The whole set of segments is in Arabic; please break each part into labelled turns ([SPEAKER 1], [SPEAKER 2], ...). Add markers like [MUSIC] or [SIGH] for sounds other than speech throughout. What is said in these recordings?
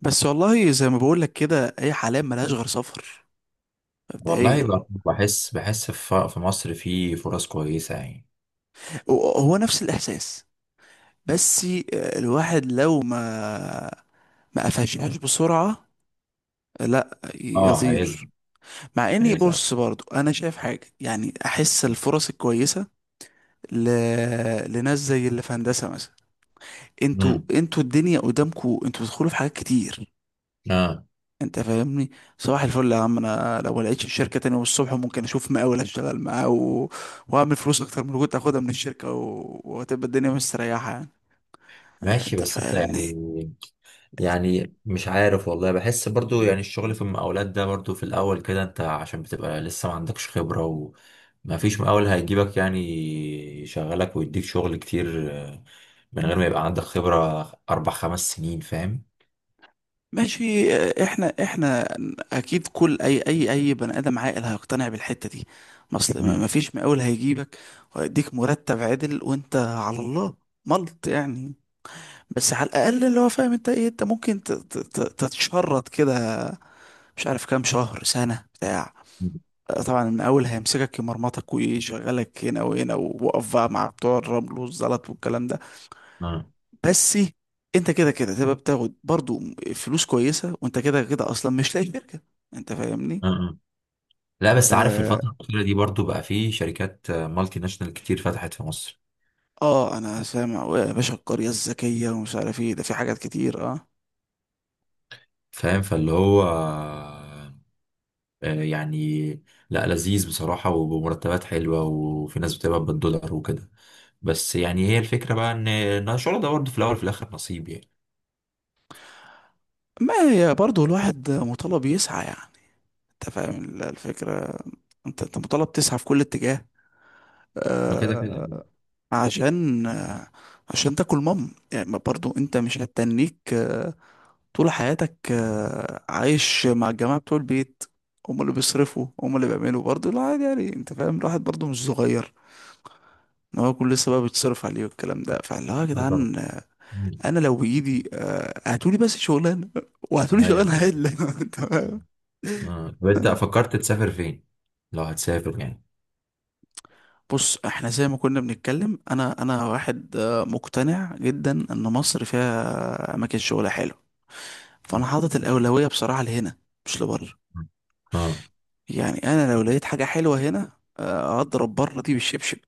[SPEAKER 1] بس والله زي ما بقول لك كده اي حلال ملهاش غير سفر
[SPEAKER 2] والله
[SPEAKER 1] مبدئيا.
[SPEAKER 2] بحس في مصر في فرص كويسة يعني.
[SPEAKER 1] هو نفس الاحساس. بس الواحد لو ما قفشهاش بسرعه لا
[SPEAKER 2] اه. عايز
[SPEAKER 1] يطير. مع اني
[SPEAKER 2] عايز.
[SPEAKER 1] بص برضو انا شايف حاجه، يعني احس الفرص الكويسه ل... لناس زي اللي في هندسه مثلا. انتوا
[SPEAKER 2] امم
[SPEAKER 1] انتوا الدنيا قدامكوا، انتوا بتدخلوا في حاجات كتير.
[SPEAKER 2] اه.
[SPEAKER 1] انت فاهمني؟ صباح الفل يا عم. انا لو ما لقيتش الشركه تاني يوم الصبح ممكن اشوف مقاول اشتغل معاه واعمل فلوس اكتر من اللي كنت اخدها من الشركه، وهتبقى الدنيا مستريحه يعني.
[SPEAKER 2] ماشي،
[SPEAKER 1] انت
[SPEAKER 2] بس انت
[SPEAKER 1] فاهمني؟
[SPEAKER 2] يعني مش عارف، والله بحس برضو يعني الشغل في المقاولات ده برضو في الاول كده، انت عشان بتبقى لسه ما عندكش خبرة وما فيش مقاول هيجيبك يعني يشغلك ويديك شغل كتير. من غير ما يبقى عندك خبرة اربع خمس سنين، فاهم؟
[SPEAKER 1] ماشي. اه، احنا اكيد كل اي بني ادم عاقل هيقتنع بالحته دي. ما اصل ما
[SPEAKER 2] امم
[SPEAKER 1] ما فيش مقاول هيجيبك ويديك مرتب عدل وانت على الله، ملط يعني. بس على الاقل اللي هو فاهم انت ايه، انت ممكن تتشرط كده مش عارف كام شهر سنه بتاع.
[SPEAKER 2] امم،
[SPEAKER 1] طبعا من اول هيمسكك يمرمطك ويشغلك هنا وهنا ووقف بقى مع بتوع الرمل والزلط والكلام ده.
[SPEAKER 2] اه
[SPEAKER 1] بس انت كده كده تبقى بتاخد برضو فلوس كويسه، وانت كده كده اصلا مش لاقي شركه. انت فاهمني؟
[SPEAKER 2] اه آه. لا بس عارف
[SPEAKER 1] اه,
[SPEAKER 2] الفترة الأخيرة دي برضو بقى في شركات مالتي ناشونال كتير فتحت في مصر.
[SPEAKER 1] آه انا سامع يا باشا، القريه الذكيه ومش عارف ايه، ده في حاجات كتير اه.
[SPEAKER 2] فاهم، فاللي هو، يعني لا لذيذ بصراحة وبمرتبات حلوة، وفي ناس بتقبض بالدولار وكده. بس يعني هي الفكرة بقى إن الشغل ده برضه في الأول وفي الآخر نصيب يعني.
[SPEAKER 1] ما هي برضو الواحد مطالب يسعى يعني. انت فاهم الفكره؟ انت مطالب تسعى في كل اتجاه،
[SPEAKER 2] ما كده كده يعني.
[SPEAKER 1] آه، عشان عشان تاكل مام يعني. ما برضو انت مش هتتنيك طول حياتك، عايش مع الجماعة بتوع البيت هم اللي بيصرفوا هم اللي بيعملوا. برضو لا عادي يعني، انت فاهم، الواحد برضو مش صغير ان هو يكون لسه بقى بيتصرف عليه والكلام ده. فاللي هو يا
[SPEAKER 2] اه طبعا.
[SPEAKER 1] جدعان،
[SPEAKER 2] مم.
[SPEAKER 1] انا لو بايدي هاتولي بس شغلانة، وهاتولي
[SPEAKER 2] ايوه.
[SPEAKER 1] شغلانة عدلة [LAUGHS] انت فاهم؟
[SPEAKER 2] اه، طب أنت فكرت تسافر فين؟ لو هتسافر يعني.
[SPEAKER 1] بص احنا زي ما كنا بنتكلم، انا واحد مقتنع جدا ان مصر فيها اماكن شغل حلو. فانا
[SPEAKER 2] مم.
[SPEAKER 1] حاطط الاولويه بصراحه لهنا، مش لبره.
[SPEAKER 2] اه
[SPEAKER 1] يعني انا لو لقيت حاجه حلوه هنا، اضرب بره دي بالشبشب.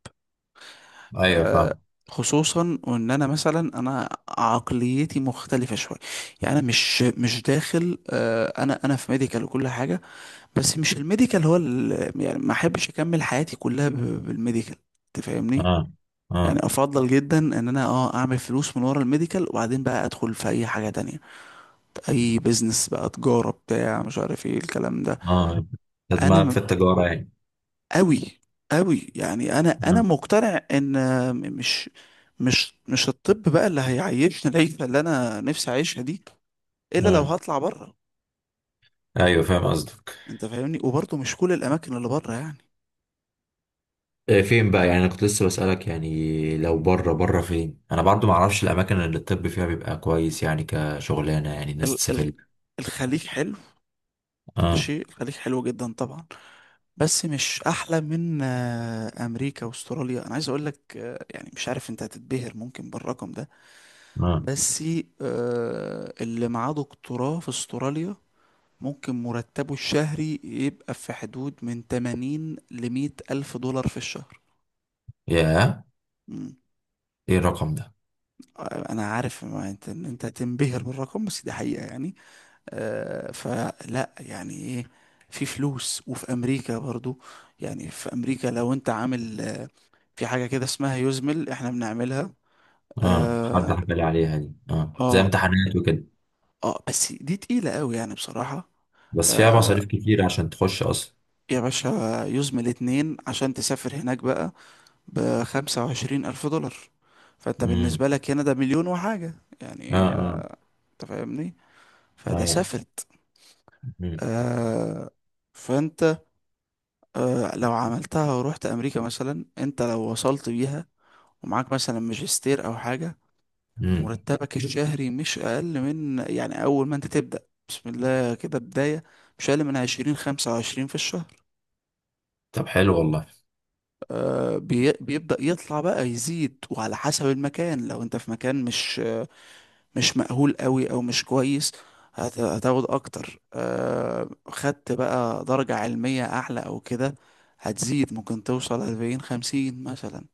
[SPEAKER 2] ايوه
[SPEAKER 1] آه،
[SPEAKER 2] فاهم.
[SPEAKER 1] خصوصا وان انا مثلا انا عقليتي مختلفه شويه. يعني انا مش داخل، انا في ميديكال وكل حاجه. بس مش الميديكال هو يعني ما احبش اكمل حياتي كلها بالميديكال. تفهمني؟
[SPEAKER 2] اه
[SPEAKER 1] يعني
[SPEAKER 2] اه
[SPEAKER 1] افضل جدا ان انا اعمل فلوس من ورا الميديكال، وبعدين بقى ادخل في اي حاجه تانية، اي بيزنس بقى، تجاره بتاع مش عارف ايه الكلام ده.
[SPEAKER 2] اه، ده
[SPEAKER 1] انا
[SPEAKER 2] دماغك في
[SPEAKER 1] م-
[SPEAKER 2] التجارة يعني.
[SPEAKER 1] قوي، قوي يعني. انا
[SPEAKER 2] اه
[SPEAKER 1] مقتنع ان م- مش مش الطب بقى اللي هيعيشني العيشه اللي انا نفسي اعيشها دي، الا لو
[SPEAKER 2] آه.
[SPEAKER 1] هطلع بره.
[SPEAKER 2] ايوه فاهم قصدك.
[SPEAKER 1] انت فاهمني؟ وبرضه مش كل الاماكن اللي بره يعني.
[SPEAKER 2] فين بقى؟ يعني انا كنت لسه بسألك يعني لو بره بره فين، انا برضو ما اعرفش الاماكن اللي الطب فيها بيبقى كويس يعني كشغلانه، يعني الناس
[SPEAKER 1] ال
[SPEAKER 2] تسافر
[SPEAKER 1] ال
[SPEAKER 2] لها.
[SPEAKER 1] الخليج حلو.
[SPEAKER 2] اه
[SPEAKER 1] ماشي، الخليج حلو جدا طبعا، بس مش احلى من امريكا واستراليا. انا عايز اقول لك يعني مش عارف، انت هتتبهر ممكن بالرقم ده،
[SPEAKER 2] اه،
[SPEAKER 1] بس اللي معاه دكتوراه في استراليا ممكن مرتبه الشهري يبقى في حدود من 80 ل 100 الف دولار في الشهر.
[SPEAKER 2] يا،
[SPEAKER 1] مم.
[SPEAKER 2] ايه الرقم ده؟
[SPEAKER 1] انا عارف، ما انت إن انت هتنبهر بالرقم، بس دي حقيقة يعني. فلا يعني ايه، في فلوس. وفي امريكا برضو يعني، في امريكا لو انت عامل في حاجة كده اسمها يوزمل احنا بنعملها.
[SPEAKER 2] اه حد
[SPEAKER 1] اه
[SPEAKER 2] حكى لي عليها دي، زي
[SPEAKER 1] اه,
[SPEAKER 2] امتحانات وكده.
[SPEAKER 1] بس دي تقيلة قوي يعني بصراحة.
[SPEAKER 2] بس فيها مصاريف
[SPEAKER 1] آه
[SPEAKER 2] كتير عشان تخش اصلا.
[SPEAKER 1] يا باشا، يوزمل اتنين عشان تسافر هناك بقى ب25,000 دولار. فانت
[SPEAKER 2] امم.
[SPEAKER 1] بالنسبة لك هنا ده مليون وحاجة
[SPEAKER 2] اه
[SPEAKER 1] يعني.
[SPEAKER 2] اه
[SPEAKER 1] انت فاهمني؟ فده
[SPEAKER 2] ايوه.
[SPEAKER 1] سافرت.
[SPEAKER 2] امم
[SPEAKER 1] آه فانت لو عملتها ورحت أمريكا مثلا، انت لو وصلت بيها ومعاك مثلا ماجستير أو حاجة،
[SPEAKER 2] امم.
[SPEAKER 1] مرتبك الشهري مش أقل من، يعني أول ما أنت تبدأ، بسم الله كده بداية، مش أقل من عشرين خمسة وعشرين في الشهر.
[SPEAKER 2] طب حلو والله.
[SPEAKER 1] بيبدأ يطلع بقى يزيد، وعلى حسب المكان. لو أنت في مكان مش مش مأهول قوي أو مش كويس هتاخد أكتر. خدت بقى درجة علمية أعلى أو كده هتزيد، ممكن توصل أربعين خمسين مثلا.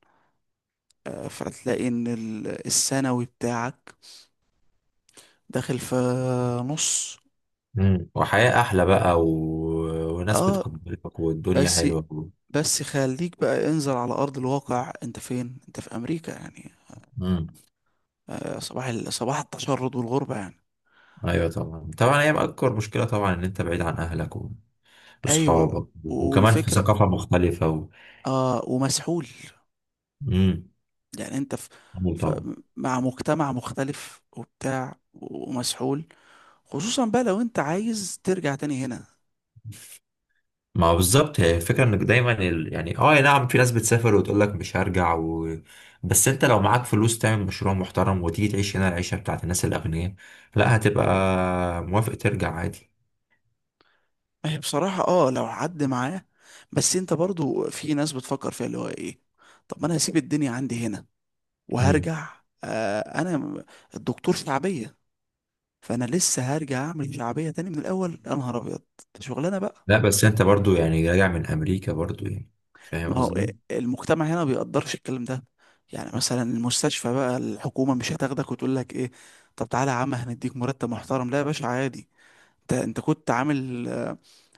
[SPEAKER 1] فتلاقي إن السنوي بتاعك داخل في نص.
[SPEAKER 2] امم، وحياه احلى بقى وناس
[SPEAKER 1] اه.
[SPEAKER 2] بتقدرك والدنيا
[SPEAKER 1] بس
[SPEAKER 2] حلوه.
[SPEAKER 1] بس خليك بقى انزل على أرض الواقع، أنت فين؟ أنت في أمريكا يعني،
[SPEAKER 2] امم.
[SPEAKER 1] صباح صباح التشرد والغربة يعني.
[SPEAKER 2] ايوه طبعا طبعا، هي اكبر مشكله طبعا ان انت بعيد عن اهلك
[SPEAKER 1] أيوة.
[SPEAKER 2] واصحابك، وكمان في
[SPEAKER 1] والفكرة،
[SPEAKER 2] ثقافه مختلفه.
[SPEAKER 1] ومسحول
[SPEAKER 2] امم.
[SPEAKER 1] يعني. أنت في ف-
[SPEAKER 2] طبعا.
[SPEAKER 1] مع مجتمع مختلف وبتاع، ومسحول، خصوصا بقى لو أنت عايز ترجع تاني هنا.
[SPEAKER 2] ما هو بالظبط، هي الفكره انك دايما يعني اه نعم في ناس بتسافر وتقول لك مش هرجع. بس انت لو معاك فلوس تعمل مشروع محترم وتيجي تعيش هنا العيشه بتاعت الناس الاغنياء، لا هتبقى موافق ترجع عادي.
[SPEAKER 1] ما هي بصراحة اه لو حد معاه. بس أنت برضو في ناس بتفكر فيها، اللي هو إيه، طب ما أنا هسيب الدنيا عندي هنا
[SPEAKER 2] امم.
[SPEAKER 1] وهرجع؟ آه أنا م- الدكتور شعبية، فانا لسه هرجع اعمل شعبيه تاني من الاول يا نهار ابيض. ده شغلانه بقى.
[SPEAKER 2] لا بس انت برضو يعني راجع من امريكا برضو يعني، فاهم
[SPEAKER 1] ما هو إيه،
[SPEAKER 2] قصدي.
[SPEAKER 1] المجتمع هنا ما بيقدرش الكلام ده، يعني مثلا المستشفى بقى الحكومه مش هتاخدك وتقول لك ايه، طب تعالى يا عم هنديك مرتب محترم. لا يا باشا عادي، انت كنت عامل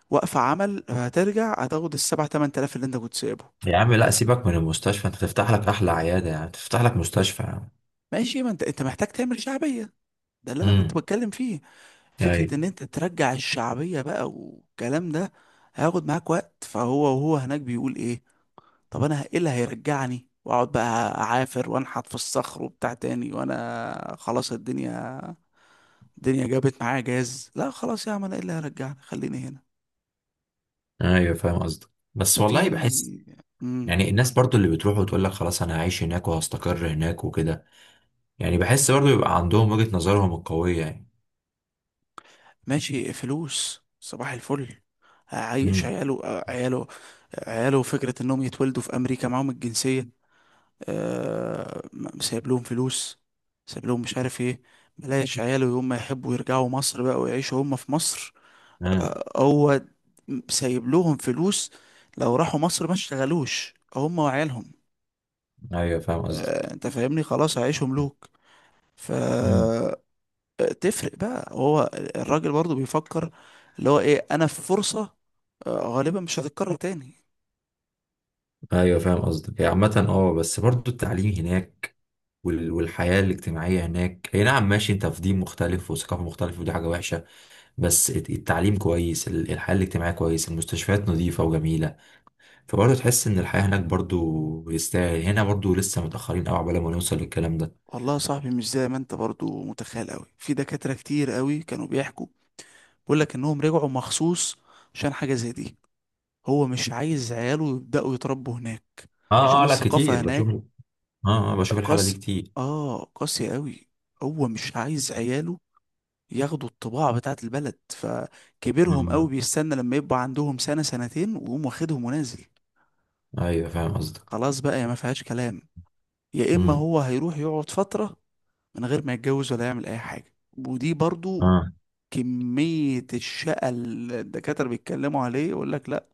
[SPEAKER 1] وقفه عمل، هترجع هتاخد السبع تمن تلاف اللي انت كنت سايبه.
[SPEAKER 2] يا عم لا، سيبك من المستشفى، انت تفتح لك احلى عياده، يعني تفتح لك مستشفى
[SPEAKER 1] ماشي، ما انت محتاج تعمل شعبيه. ده اللي انا كنت
[SPEAKER 2] يعني.
[SPEAKER 1] بتكلم فيه، فكره ان
[SPEAKER 2] ايوه
[SPEAKER 1] انت ترجع الشعبيه بقى والكلام ده هياخد معاك وقت. فهو هناك بيقول ايه، طب انا ايه اللي هيرجعني، واقعد بقى اعافر وانحت في الصخر وبتاع تاني، وانا خلاص الدنيا، الدنيا جابت معايا جاز؟ لا خلاص يا عم، انا ايه اللي هيرجعني، خليني هنا.
[SPEAKER 2] ايوه فاهم قصدك. بس
[SPEAKER 1] ففي
[SPEAKER 2] والله بحس
[SPEAKER 1] امم
[SPEAKER 2] يعني الناس برضو اللي بتروح وتقول لك خلاص انا هعيش هناك وهستقر هناك وكده، يعني بحس برضو يبقى عندهم وجهة نظرهم القوية يعني.
[SPEAKER 1] ماشي، فلوس صباح الفل، هعيش
[SPEAKER 2] امم.
[SPEAKER 1] عياله. عياله عياله فكرة انهم يتولدوا في امريكا معاهم الجنسية. سايب لهم فلوس، سايب لهم مش عارف ايه. بلاش عياله، يوم ما يحبوا يرجعوا مصر بقى ويعيشوا هم في مصر،
[SPEAKER 2] اه
[SPEAKER 1] هو سايب لهم فلوس. لو راحوا مصر ما اشتغلوش هم وعيالهم.
[SPEAKER 2] ايوه فاهم قصدك.
[SPEAKER 1] انت فاهمني، خلاص هيعيشوا ملوك.
[SPEAKER 2] امم.
[SPEAKER 1] فتفرق بقى. هو الراجل برضو بيفكر اللي هو ايه، انا في فرصة آه، غالبا مش هتتكرر تاني.
[SPEAKER 2] ايوه فاهم قصدك. هي عامة اه بس برضو التعليم هناك والحياة الاجتماعية هناك، هي نعم ماشي انت في دين مختلف وثقافة مختلفة ودي حاجة وحشة. بس التعليم كويس، الحياة الاجتماعية كويس، المستشفيات نظيفة وجميلة، فبرضه تحس ان الحياة هناك برضه يستاهل. هنا برضه لسه متأخرين قوي عقبال ما نوصل للكلام ده.
[SPEAKER 1] والله يا صاحبي مش زي ما انت برضو متخيل، قوي في دكاترة كتير قوي كانوا بيحكوا، بيقول لك انهم رجعوا مخصوص عشان حاجة زي دي. هو مش عايز عياله يبدأوا يتربوا هناك
[SPEAKER 2] اه
[SPEAKER 1] عشان
[SPEAKER 2] اه لا،
[SPEAKER 1] الثقافة
[SPEAKER 2] كتير بشوف.
[SPEAKER 1] هناك
[SPEAKER 2] اه اه بشوف الحالة دي
[SPEAKER 1] قاسي.
[SPEAKER 2] كتير.
[SPEAKER 1] اه قاسي قوي. هو مش عايز عياله ياخدوا الطباع بتاعة البلد، فكبرهم قوي
[SPEAKER 2] امم
[SPEAKER 1] بيستنى لما يبقى عندهم سنة سنتين ويقوم واخدهم ونازل.
[SPEAKER 2] ايوه فاهم قصدك.
[SPEAKER 1] خلاص بقى يا ما فيهاش كلام، يا اما
[SPEAKER 2] امم.
[SPEAKER 1] هو هيروح يقعد فترة من غير ما يتجوز ولا يعمل اي حاجة. ودي برضو
[SPEAKER 2] اه
[SPEAKER 1] كمية الشقة اللي الدكاترة بيتكلموا عليه، يقول لك لا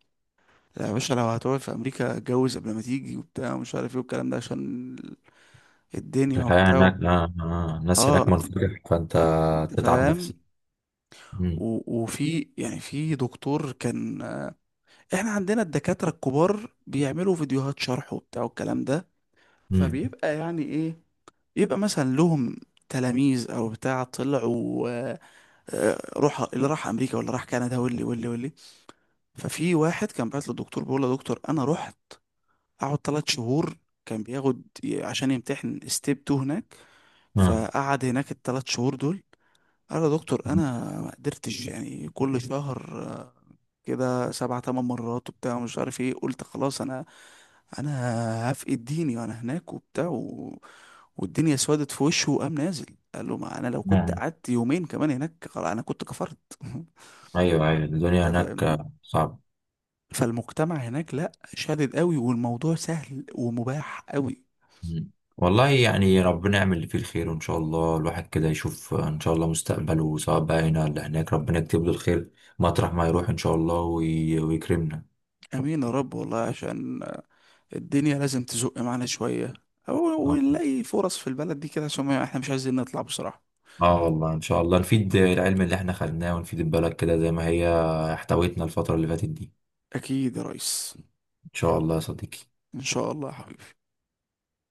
[SPEAKER 1] يا باشا، لو هتقعد في امريكا اتجوز قبل ما تيجي وبتاع ومش عارف ايه والكلام ده، عشان الدنيا
[SPEAKER 2] الحياة
[SPEAKER 1] وبتاع.
[SPEAKER 2] هناك، الناس
[SPEAKER 1] اه
[SPEAKER 2] هناك منفتحة، فانت
[SPEAKER 1] انت
[SPEAKER 2] تتعب نفسك.
[SPEAKER 1] فاهم.
[SPEAKER 2] امم.
[SPEAKER 1] وفي يعني، في دكتور كان، احنا عندنا الدكاترة الكبار بيعملوا فيديوهات شرح وبتاع والكلام ده،
[SPEAKER 2] امم.
[SPEAKER 1] فبيبقى يعني ايه، يبقى مثلا لهم تلاميذ او بتاع طلعوا، روح اللي راح امريكا واللي راح كندا واللي واللي واللي. ففي واحد كان بعت للدكتور بيقول له يا دكتور انا رحت قعد ثلاث شهور، كان بياخد عشان يمتحن ستيب 2 هناك.
[SPEAKER 2] اه
[SPEAKER 1] فقعد هناك ال3 شهور دول، قال يا دكتور انا ما قدرتش يعني. كل شهر كده سبع تمن مرات وبتاع مش عارف ايه، قلت خلاص انا هفقد ديني وانا هناك وبتاع والدنيا سودت في وشه وقام نازل. قال له ما انا لو كنت
[SPEAKER 2] آه.
[SPEAKER 1] قعدت يومين كمان هناك خلاص انا كنت كفرت [LAUGHS]
[SPEAKER 2] ايوه ايوه الدنيا
[SPEAKER 1] انت
[SPEAKER 2] هناك
[SPEAKER 1] فاهم،
[SPEAKER 2] صعبة.
[SPEAKER 1] فالمجتمع هناك لا شادد قوي، والموضوع سهل ومباح قوي.
[SPEAKER 2] مم. والله يعني ربنا يعمل اللي فيه الخير، وان شاء الله الواحد كده يشوف ان شاء الله مستقبله، سواء بقى هنا ولا هناك ربنا يكتب له الخير مطرح ما يروح ان شاء الله ويكرمنا.
[SPEAKER 1] امين يا رب. والله عشان الدنيا لازم تزق معانا شوية أو-
[SPEAKER 2] اه
[SPEAKER 1] ونلاقي فرص في البلد دي كده عشان احنا مش عايزين نطلع بصراحة.
[SPEAKER 2] آه، والله ان شاء الله نفيد العلم اللي احنا خدناه ونفيد البلد كده زي ما هي احتوتنا الفترة اللي فاتت دي.
[SPEAKER 1] أكيد يا ريس.
[SPEAKER 2] ان شاء الله يا صديقي.
[SPEAKER 1] إن شاء الله يا حبيبي.